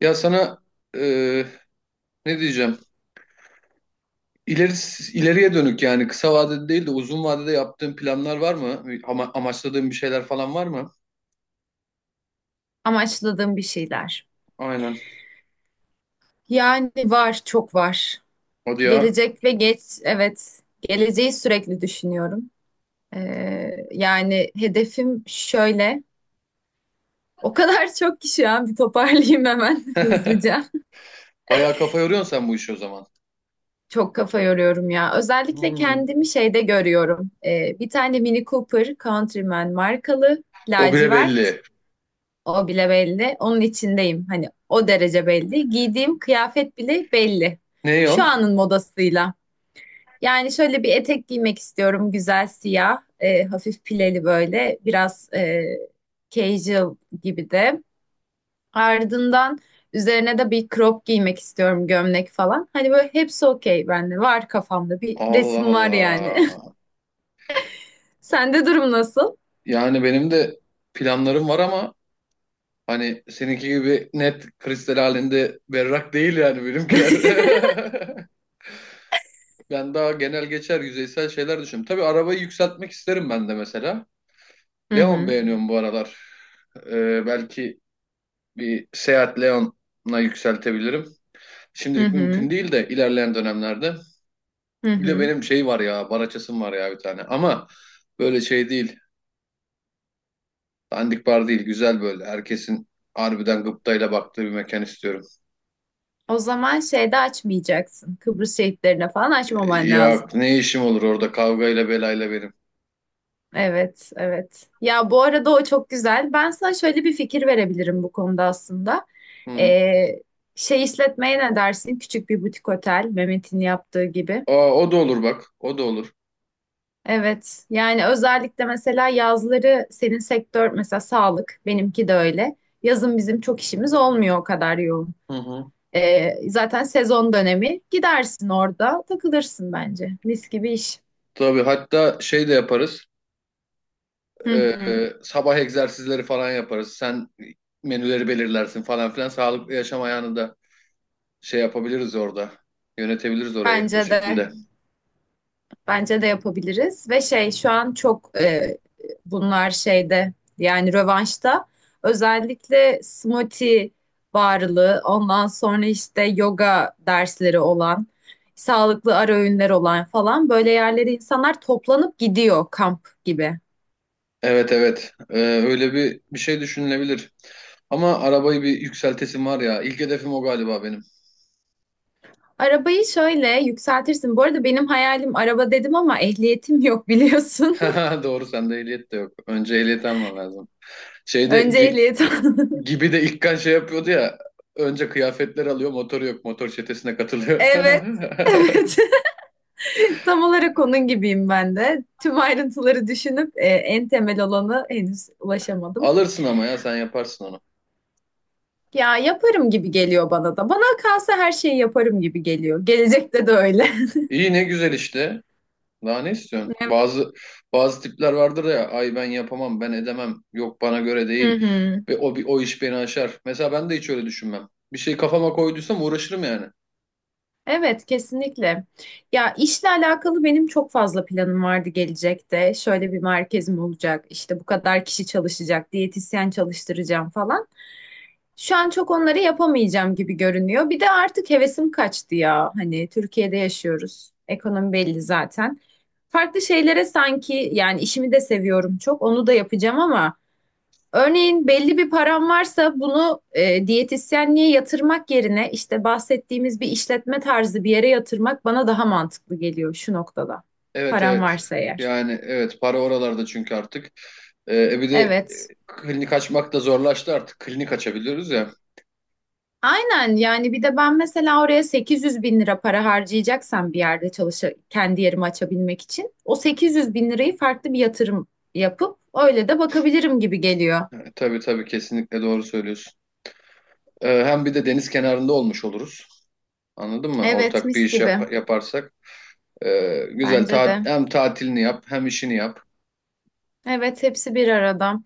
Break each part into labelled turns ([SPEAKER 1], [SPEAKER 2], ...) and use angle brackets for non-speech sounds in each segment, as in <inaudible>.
[SPEAKER 1] Ya sana e, ne diyeceğim? İleri, ileriye dönük yani kısa vadede değil de uzun vadede yaptığın planlar var mı? Amaçladığın bir şeyler falan var mı?
[SPEAKER 2] Amaçladığım bir şeyler.
[SPEAKER 1] Aynen.
[SPEAKER 2] Yani var, çok var.
[SPEAKER 1] Hadi ya.
[SPEAKER 2] Gelecek ve geç, evet. Geleceği sürekli düşünüyorum. Yani hedefim şöyle. O kadar <laughs> çok ki şu an bir toparlayayım hemen <laughs> hızlıca.
[SPEAKER 1] Bayağı kafa yoruyorsun sen bu işi o zaman.
[SPEAKER 2] Çok kafa yoruyorum ya. Özellikle
[SPEAKER 1] Hmm.
[SPEAKER 2] kendimi şeyde görüyorum. Bir tane Mini Cooper Countryman markalı,
[SPEAKER 1] O bile
[SPEAKER 2] lacivert.
[SPEAKER 1] belli.
[SPEAKER 2] O bile belli. Onun içindeyim. Hani o derece belli. Giydiğim kıyafet bile belli.
[SPEAKER 1] Ne
[SPEAKER 2] Şu
[SPEAKER 1] o?
[SPEAKER 2] anın modasıyla. Yani şöyle bir etek giymek istiyorum. Güzel siyah, hafif pileli böyle. Biraz casual gibi de. Ardından üzerine de bir crop giymek istiyorum. Gömlek falan. Hani böyle hepsi okey bende. Var kafamda bir
[SPEAKER 1] Allah
[SPEAKER 2] resim var yani.
[SPEAKER 1] Allah.
[SPEAKER 2] <laughs> Sende durum nasıl?
[SPEAKER 1] Yani benim de planlarım var ama hani seninki gibi net kristal halinde berrak değil yani benimkiler.
[SPEAKER 2] <laughs>
[SPEAKER 1] <laughs> Ben daha genel geçer yüzeysel şeyler düşünüyorum. Tabii arabayı yükseltmek isterim ben de mesela.
[SPEAKER 2] Hı
[SPEAKER 1] Leon
[SPEAKER 2] hı,
[SPEAKER 1] beğeniyorum bu aralar. Belki bir Seat Leon'a yükseltebilirim.
[SPEAKER 2] hı
[SPEAKER 1] Şimdilik mümkün
[SPEAKER 2] hı,
[SPEAKER 1] değil de ilerleyen dönemlerde.
[SPEAKER 2] hı
[SPEAKER 1] Bir de
[SPEAKER 2] hı.
[SPEAKER 1] benim şey var ya, Baraçasım var ya bir tane. Ama böyle şey değil, dandik bar değil, güzel böyle. Herkesin harbiden gıptayla baktığı bir mekan istiyorum.
[SPEAKER 2] O zaman şeyde açmayacaksın. Kıbrıs şehitlerine falan
[SPEAKER 1] Ee,
[SPEAKER 2] açmaman
[SPEAKER 1] ya
[SPEAKER 2] lazım.
[SPEAKER 1] ne işim olur orada kavgayla belayla benim.
[SPEAKER 2] Evet, evet. Ya bu arada o çok güzel. Ben sana şöyle bir fikir verebilirim bu konuda aslında.
[SPEAKER 1] Hı.
[SPEAKER 2] Ee, Şey işletmeye ne dersin? Küçük bir butik otel, Mehmet'in yaptığı gibi.
[SPEAKER 1] Aa, o da olur bak, o da olur.
[SPEAKER 2] Evet, yani özellikle mesela yazları senin sektör mesela sağlık, benimki de öyle. Yazın bizim çok işimiz olmuyor o kadar yoğun.
[SPEAKER 1] Hı hı.
[SPEAKER 2] Zaten sezon dönemi gidersin orada takılırsın bence. Mis gibi iş.
[SPEAKER 1] Tabii hatta şey de yaparız.
[SPEAKER 2] Hı
[SPEAKER 1] Ee,
[SPEAKER 2] hı,
[SPEAKER 1] sabah egzersizleri falan yaparız. Sen menüleri belirlersin falan filan. Sağlıklı yaşam ayağını da şey yapabiliriz orada. Yönetebiliriz orayı o
[SPEAKER 2] bence de.
[SPEAKER 1] şekilde.
[SPEAKER 2] Bence de yapabiliriz ve şey şu an çok bunlar şeyde yani rövanşta özellikle smoothie varlığı ondan sonra işte yoga dersleri olan sağlıklı ara öğünler olan falan böyle yerlere insanlar toplanıp gidiyor kamp gibi.
[SPEAKER 1] Evet, evet. Öyle bir şey düşünülebilir. Ama arabayı bir yükseltesim var ya. İlk hedefim o galiba benim.
[SPEAKER 2] Arabayı şöyle yükseltirsin. Bu arada benim hayalim araba dedim ama ehliyetim yok biliyorsun.
[SPEAKER 1] <laughs> Doğru sende ehliyet de yok. Önce ehliyet alman lazım.
[SPEAKER 2] <laughs>
[SPEAKER 1] Şeyde
[SPEAKER 2] Önce
[SPEAKER 1] gi-
[SPEAKER 2] ehliyet al. <laughs>
[SPEAKER 1] gibi de İlkan şey yapıyordu ya. Önce kıyafetler alıyor, motoru yok. Motor çetesine katılıyor.
[SPEAKER 2] Evet. Evet. <laughs> Tam olarak onun gibiyim ben de. Tüm ayrıntıları düşünüp en temel olanı henüz
[SPEAKER 1] <laughs>
[SPEAKER 2] ulaşamadım.
[SPEAKER 1] Alırsın ama ya sen yaparsın onu.
[SPEAKER 2] Ya yaparım gibi geliyor bana da. Bana kalsa her şeyi yaparım gibi geliyor. Gelecekte de öyle. <laughs>
[SPEAKER 1] İyi ne güzel işte. Daha ne istiyorsun?
[SPEAKER 2] Evet.
[SPEAKER 1] Bazı tipler vardır ya ay ben yapamam ben edemem yok bana göre
[SPEAKER 2] Hı
[SPEAKER 1] değil
[SPEAKER 2] hı.
[SPEAKER 1] ve o bir o iş beni aşar. Mesela ben de hiç öyle düşünmem. Bir şey kafama koyduysam uğraşırım yani.
[SPEAKER 2] Evet, kesinlikle. Ya işle alakalı benim çok fazla planım vardı gelecekte. Şöyle bir merkezim olacak, işte bu kadar kişi çalışacak, diyetisyen çalıştıracağım falan. Şu an çok onları yapamayacağım gibi görünüyor. Bir de artık hevesim kaçtı ya. Hani Türkiye'de yaşıyoruz. Ekonomi belli zaten. Farklı şeylere sanki yani işimi de seviyorum çok. Onu da yapacağım ama örneğin belli bir param varsa bunu diyetisyenliğe yatırmak yerine işte bahsettiğimiz bir işletme tarzı bir yere yatırmak bana daha mantıklı geliyor şu noktada.
[SPEAKER 1] Evet,
[SPEAKER 2] Param
[SPEAKER 1] evet,
[SPEAKER 2] varsa eğer.
[SPEAKER 1] yani evet para oralarda çünkü artık. Bir de
[SPEAKER 2] Evet.
[SPEAKER 1] klinik açmak da zorlaştı artık klinik açabiliyoruz ya.
[SPEAKER 2] Aynen yani bir de ben mesela oraya 800 bin lira para harcayacaksam bir yerde çalışa kendi yerimi açabilmek için o 800 bin lirayı farklı bir yatırım yapıp öyle de bakabilirim gibi geliyor.
[SPEAKER 1] Yani, tabii tabii kesinlikle doğru söylüyorsun. Hem bir de deniz kenarında olmuş oluruz. Anladın mı?
[SPEAKER 2] Evet
[SPEAKER 1] Ortak bir
[SPEAKER 2] mis
[SPEAKER 1] iş
[SPEAKER 2] gibi
[SPEAKER 1] yaparsak. Güzel
[SPEAKER 2] bence de.
[SPEAKER 1] hem tatilini yap hem işini yap.
[SPEAKER 2] Evet hepsi bir arada.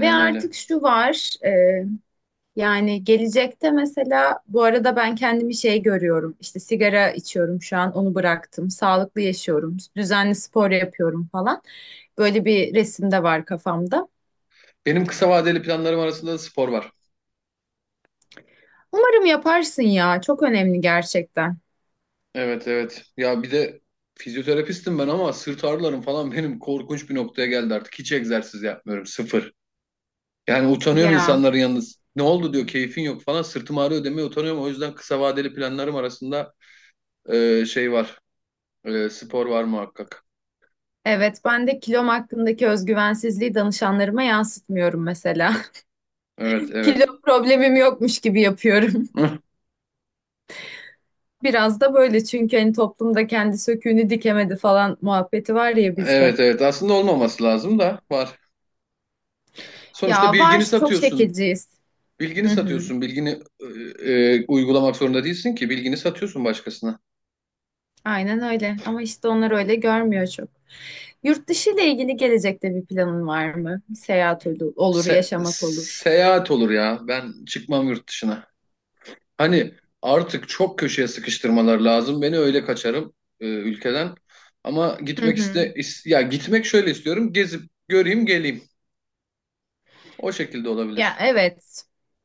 [SPEAKER 2] Ve
[SPEAKER 1] öyle.
[SPEAKER 2] artık şu var, yani gelecekte mesela bu arada ben kendimi şey görüyorum. İşte sigara içiyorum şu an onu bıraktım. Sağlıklı yaşıyorum. Düzenli spor yapıyorum falan. Böyle bir resim de var kafamda.
[SPEAKER 1] Benim kısa vadeli planlarım arasında da spor var.
[SPEAKER 2] Umarım yaparsın ya. Çok önemli gerçekten.
[SPEAKER 1] Evet, evet. Ya bir de fizyoterapistim ben ama sırt ağrılarım falan benim korkunç bir noktaya geldi artık. Hiç egzersiz yapmıyorum. Sıfır. Yani utanıyorum
[SPEAKER 2] Ya.
[SPEAKER 1] insanların yalnız. Ne oldu diyor keyfin yok falan. Sırtım ağrıyor demeye utanıyorum. O yüzden kısa vadeli planlarım arasında şey var. Spor var muhakkak.
[SPEAKER 2] Evet, ben de kilom hakkındaki özgüvensizliği danışanlarıma yansıtmıyorum mesela.
[SPEAKER 1] Evet,
[SPEAKER 2] <laughs>
[SPEAKER 1] evet.
[SPEAKER 2] Kilo problemim yokmuş gibi yapıyorum.
[SPEAKER 1] Hıh.
[SPEAKER 2] Biraz da böyle çünkü hani toplumda kendi söküğünü dikemedi falan muhabbeti var ya bizde.
[SPEAKER 1] Evet, evet. Aslında olmaması lazım da var. Sonuçta
[SPEAKER 2] Ya var
[SPEAKER 1] bilgini
[SPEAKER 2] çok
[SPEAKER 1] satıyorsun.
[SPEAKER 2] şekilciyiz.
[SPEAKER 1] Bilgini
[SPEAKER 2] Hı hı.
[SPEAKER 1] satıyorsun, bilgini uygulamak zorunda değilsin ki. Bilgini satıyorsun başkasına.
[SPEAKER 2] Aynen öyle ama işte onlar öyle görmüyor çok. Yurt dışı ile ilgili gelecekte bir planın var mı? Seyahat olur,
[SPEAKER 1] Se-
[SPEAKER 2] yaşamak olur.
[SPEAKER 1] seyahat olur ya. Ben çıkmam yurt dışına. Hani artık çok köşeye sıkıştırmalar lazım. Beni öyle kaçarım ülkeden. Ama
[SPEAKER 2] Hı hı.
[SPEAKER 1] ya gitmek şöyle istiyorum. Gezip göreyim, geleyim. O şekilde
[SPEAKER 2] Ya
[SPEAKER 1] olabilir.
[SPEAKER 2] evet.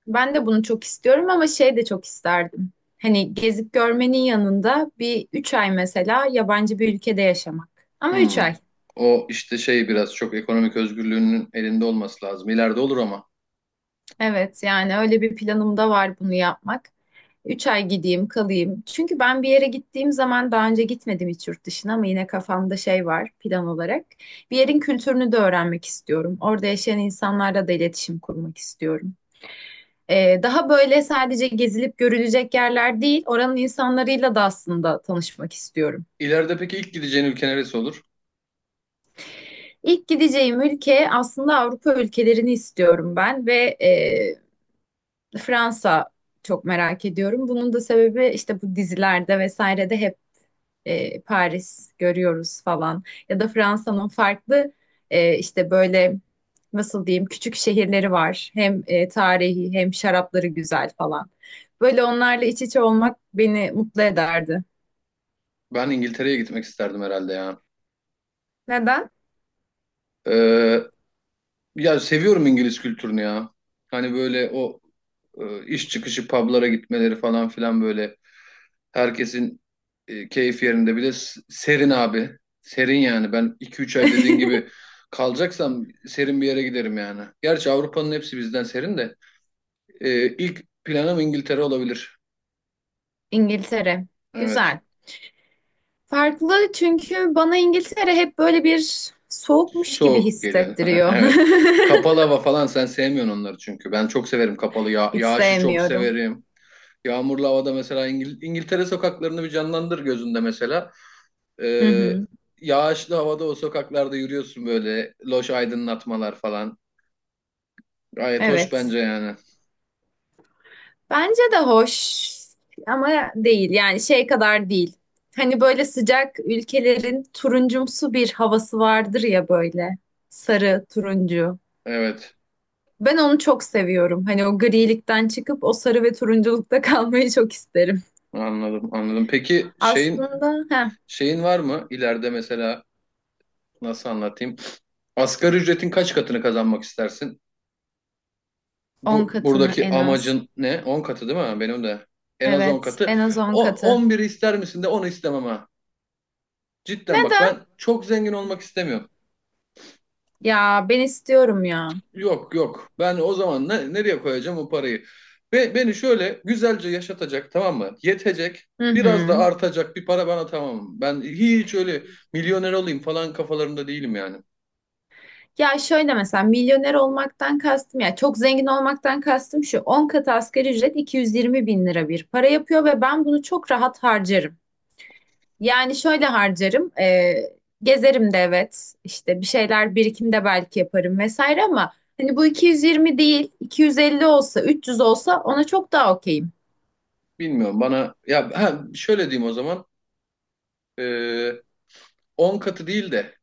[SPEAKER 2] Ben de bunu çok istiyorum ama şey de çok isterdim. Hani gezip görmenin yanında bir 3 ay mesela yabancı bir ülkede yaşamak. Ama üç
[SPEAKER 1] Hmm.
[SPEAKER 2] ay.
[SPEAKER 1] O işte şey biraz çok ekonomik özgürlüğünün elinde olması lazım. İleride olur ama.
[SPEAKER 2] Evet yani öyle bir planım da var bunu yapmak. 3 ay gideyim kalayım. Çünkü ben bir yere gittiğim zaman daha önce gitmedim hiç yurt dışına ama yine kafamda şey var plan olarak. Bir yerin kültürünü de öğrenmek istiyorum. Orada yaşayan insanlarla da iletişim kurmak istiyorum. Daha böyle sadece gezilip görülecek yerler değil, oranın insanlarıyla da aslında tanışmak istiyorum.
[SPEAKER 1] İleride peki ilk gideceğin ülke neresi olur?
[SPEAKER 2] İlk gideceğim ülke aslında Avrupa ülkelerini istiyorum ben ve e, Fransa çok merak ediyorum. Bunun da sebebi işte bu dizilerde vesairede hep Paris görüyoruz falan. Ya da Fransa'nın farklı işte böyle nasıl diyeyim küçük şehirleri var. Hem tarihi hem şarapları güzel falan. Böyle onlarla iç içe olmak beni mutlu ederdi.
[SPEAKER 1] Ben İngiltere'ye gitmek isterdim herhalde ya.
[SPEAKER 2] Neden?
[SPEAKER 1] Ee, Ya seviyorum İngiliz kültürünü ya. Hani böyle o iş çıkışı publara gitmeleri falan filan böyle herkesin keyif yerinde. Bir de serin abi. Serin yani. Ben 2-3 ay dediğin
[SPEAKER 2] <laughs>
[SPEAKER 1] gibi kalacaksam serin bir yere giderim yani. Gerçi Avrupa'nın hepsi bizden serin de. E, ilk planım İngiltere olabilir.
[SPEAKER 2] İngiltere.
[SPEAKER 1] Evet.
[SPEAKER 2] Güzel. Farklı çünkü bana İngiltere hep böyle bir soğukmuş gibi
[SPEAKER 1] Soğuk geliyor. <laughs>
[SPEAKER 2] hissettiriyor.
[SPEAKER 1] Evet. Kapalı
[SPEAKER 2] <laughs>
[SPEAKER 1] hava falan sen sevmiyorsun onları çünkü. Ben çok severim kapalı. Ya
[SPEAKER 2] Hiç
[SPEAKER 1] yağışı çok
[SPEAKER 2] sevmiyorum.
[SPEAKER 1] severim. Yağmurlu havada mesela İngiltere sokaklarını bir canlandır gözünde mesela.
[SPEAKER 2] Hı
[SPEAKER 1] Ee,
[SPEAKER 2] hı.
[SPEAKER 1] yağışlı havada o sokaklarda yürüyorsun böyle. Loş aydınlatmalar falan. Gayet hoş bence
[SPEAKER 2] Evet.
[SPEAKER 1] yani.
[SPEAKER 2] Bence de hoş ama değil. Yani şey kadar değil. Hani böyle sıcak ülkelerin turuncumsu bir havası vardır ya böyle. Sarı, turuncu.
[SPEAKER 1] Evet.
[SPEAKER 2] Ben onu çok seviyorum. Hani o grilikten çıkıp o sarı ve turunculukta <laughs> kalmayı çok isterim.
[SPEAKER 1] Anladım, anladım. Peki şeyin
[SPEAKER 2] Aslında
[SPEAKER 1] şeyin var mı ileride mesela nasıl anlatayım? Asgari ücretin kaç katını kazanmak istersin?
[SPEAKER 2] on
[SPEAKER 1] Bu
[SPEAKER 2] katını
[SPEAKER 1] buradaki
[SPEAKER 2] en az.
[SPEAKER 1] amacın ne? 10 katı değil mi? Benim de en az on
[SPEAKER 2] Evet,
[SPEAKER 1] katı.
[SPEAKER 2] en az 10
[SPEAKER 1] O
[SPEAKER 2] katı.
[SPEAKER 1] 11'i ister misin de onu istemem ha. Cidden bak
[SPEAKER 2] Neden?
[SPEAKER 1] ben çok zengin olmak istemiyorum.
[SPEAKER 2] Ya ben istiyorum ya.
[SPEAKER 1] Yok, yok. Ben o zaman ne, nereye koyacağım o parayı? Ve beni şöyle güzelce yaşatacak tamam mı? Yetecek.
[SPEAKER 2] Hı
[SPEAKER 1] Biraz da
[SPEAKER 2] hı.
[SPEAKER 1] artacak bir para bana tamam. Ben hiç öyle milyoner olayım falan kafalarında değilim yani.
[SPEAKER 2] Ya şöyle mesela milyoner olmaktan kastım ya çok zengin olmaktan kastım şu 10 katı asgari ücret 220 bin lira bir para yapıyor ve ben bunu çok rahat harcarım. Yani şöyle harcarım gezerim de evet işte bir şeyler birikim de belki yaparım vesaire ama hani bu 220 değil 250 olsa 300 olsa ona çok daha okeyim.
[SPEAKER 1] Bilmiyorum bana ya ha, şöyle diyeyim o zaman. Ee, 10 katı değil de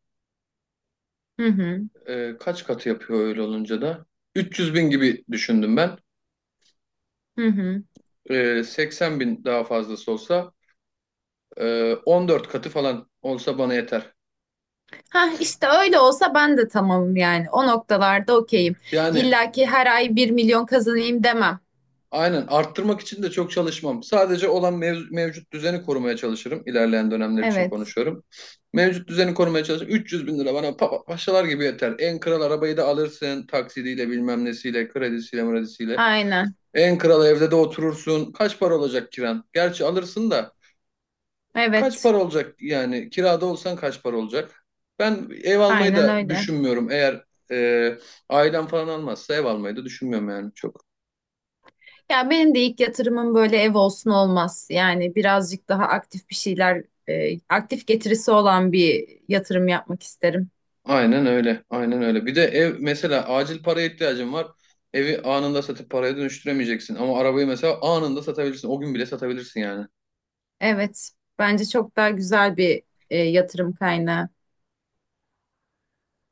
[SPEAKER 2] Hı hı
[SPEAKER 1] kaç katı yapıyor öyle olunca da? 300 bin gibi düşündüm ben.
[SPEAKER 2] hı hı.
[SPEAKER 1] 80 bin daha fazlası olsa 14 katı falan olsa bana yeter.
[SPEAKER 2] Ha işte öyle olsa ben de tamamım yani o noktalarda okeyim.
[SPEAKER 1] Yani
[SPEAKER 2] İlla ki her ay 1 milyon kazanayım demem.
[SPEAKER 1] aynen arttırmak için de çok çalışmam. Sadece olan mevcut düzeni korumaya çalışırım. İlerleyen dönemler için
[SPEAKER 2] Evet.
[SPEAKER 1] konuşuyorum. Mevcut düzeni korumaya çalışırım. 300 bin lira bana paşalar gibi yeter. En kral arabayı da alırsın taksidiyle bilmem nesiyle kredisiyle mredisiyle.
[SPEAKER 2] Aynen.
[SPEAKER 1] En kral evde de oturursun. Kaç para olacak kiran? Gerçi alırsın da kaç
[SPEAKER 2] Evet,
[SPEAKER 1] para olacak yani kirada olsan kaç para olacak? Ben ev almayı
[SPEAKER 2] aynen
[SPEAKER 1] da
[SPEAKER 2] öyle.
[SPEAKER 1] düşünmüyorum. Eğer e, ailem falan almazsa ev almayı da düşünmüyorum yani çok.
[SPEAKER 2] Ya benim de ilk yatırımım böyle ev olsun olmaz. Yani birazcık daha aktif bir şeyler, aktif getirisi olan bir yatırım yapmak isterim.
[SPEAKER 1] Aynen öyle. Aynen öyle. Bir de ev mesela acil paraya ihtiyacın var. Evi anında satıp paraya dönüştüremeyeceksin. Ama arabayı mesela anında satabilirsin. O gün bile satabilirsin yani.
[SPEAKER 2] Evet, bence çok daha güzel bir yatırım kaynağı.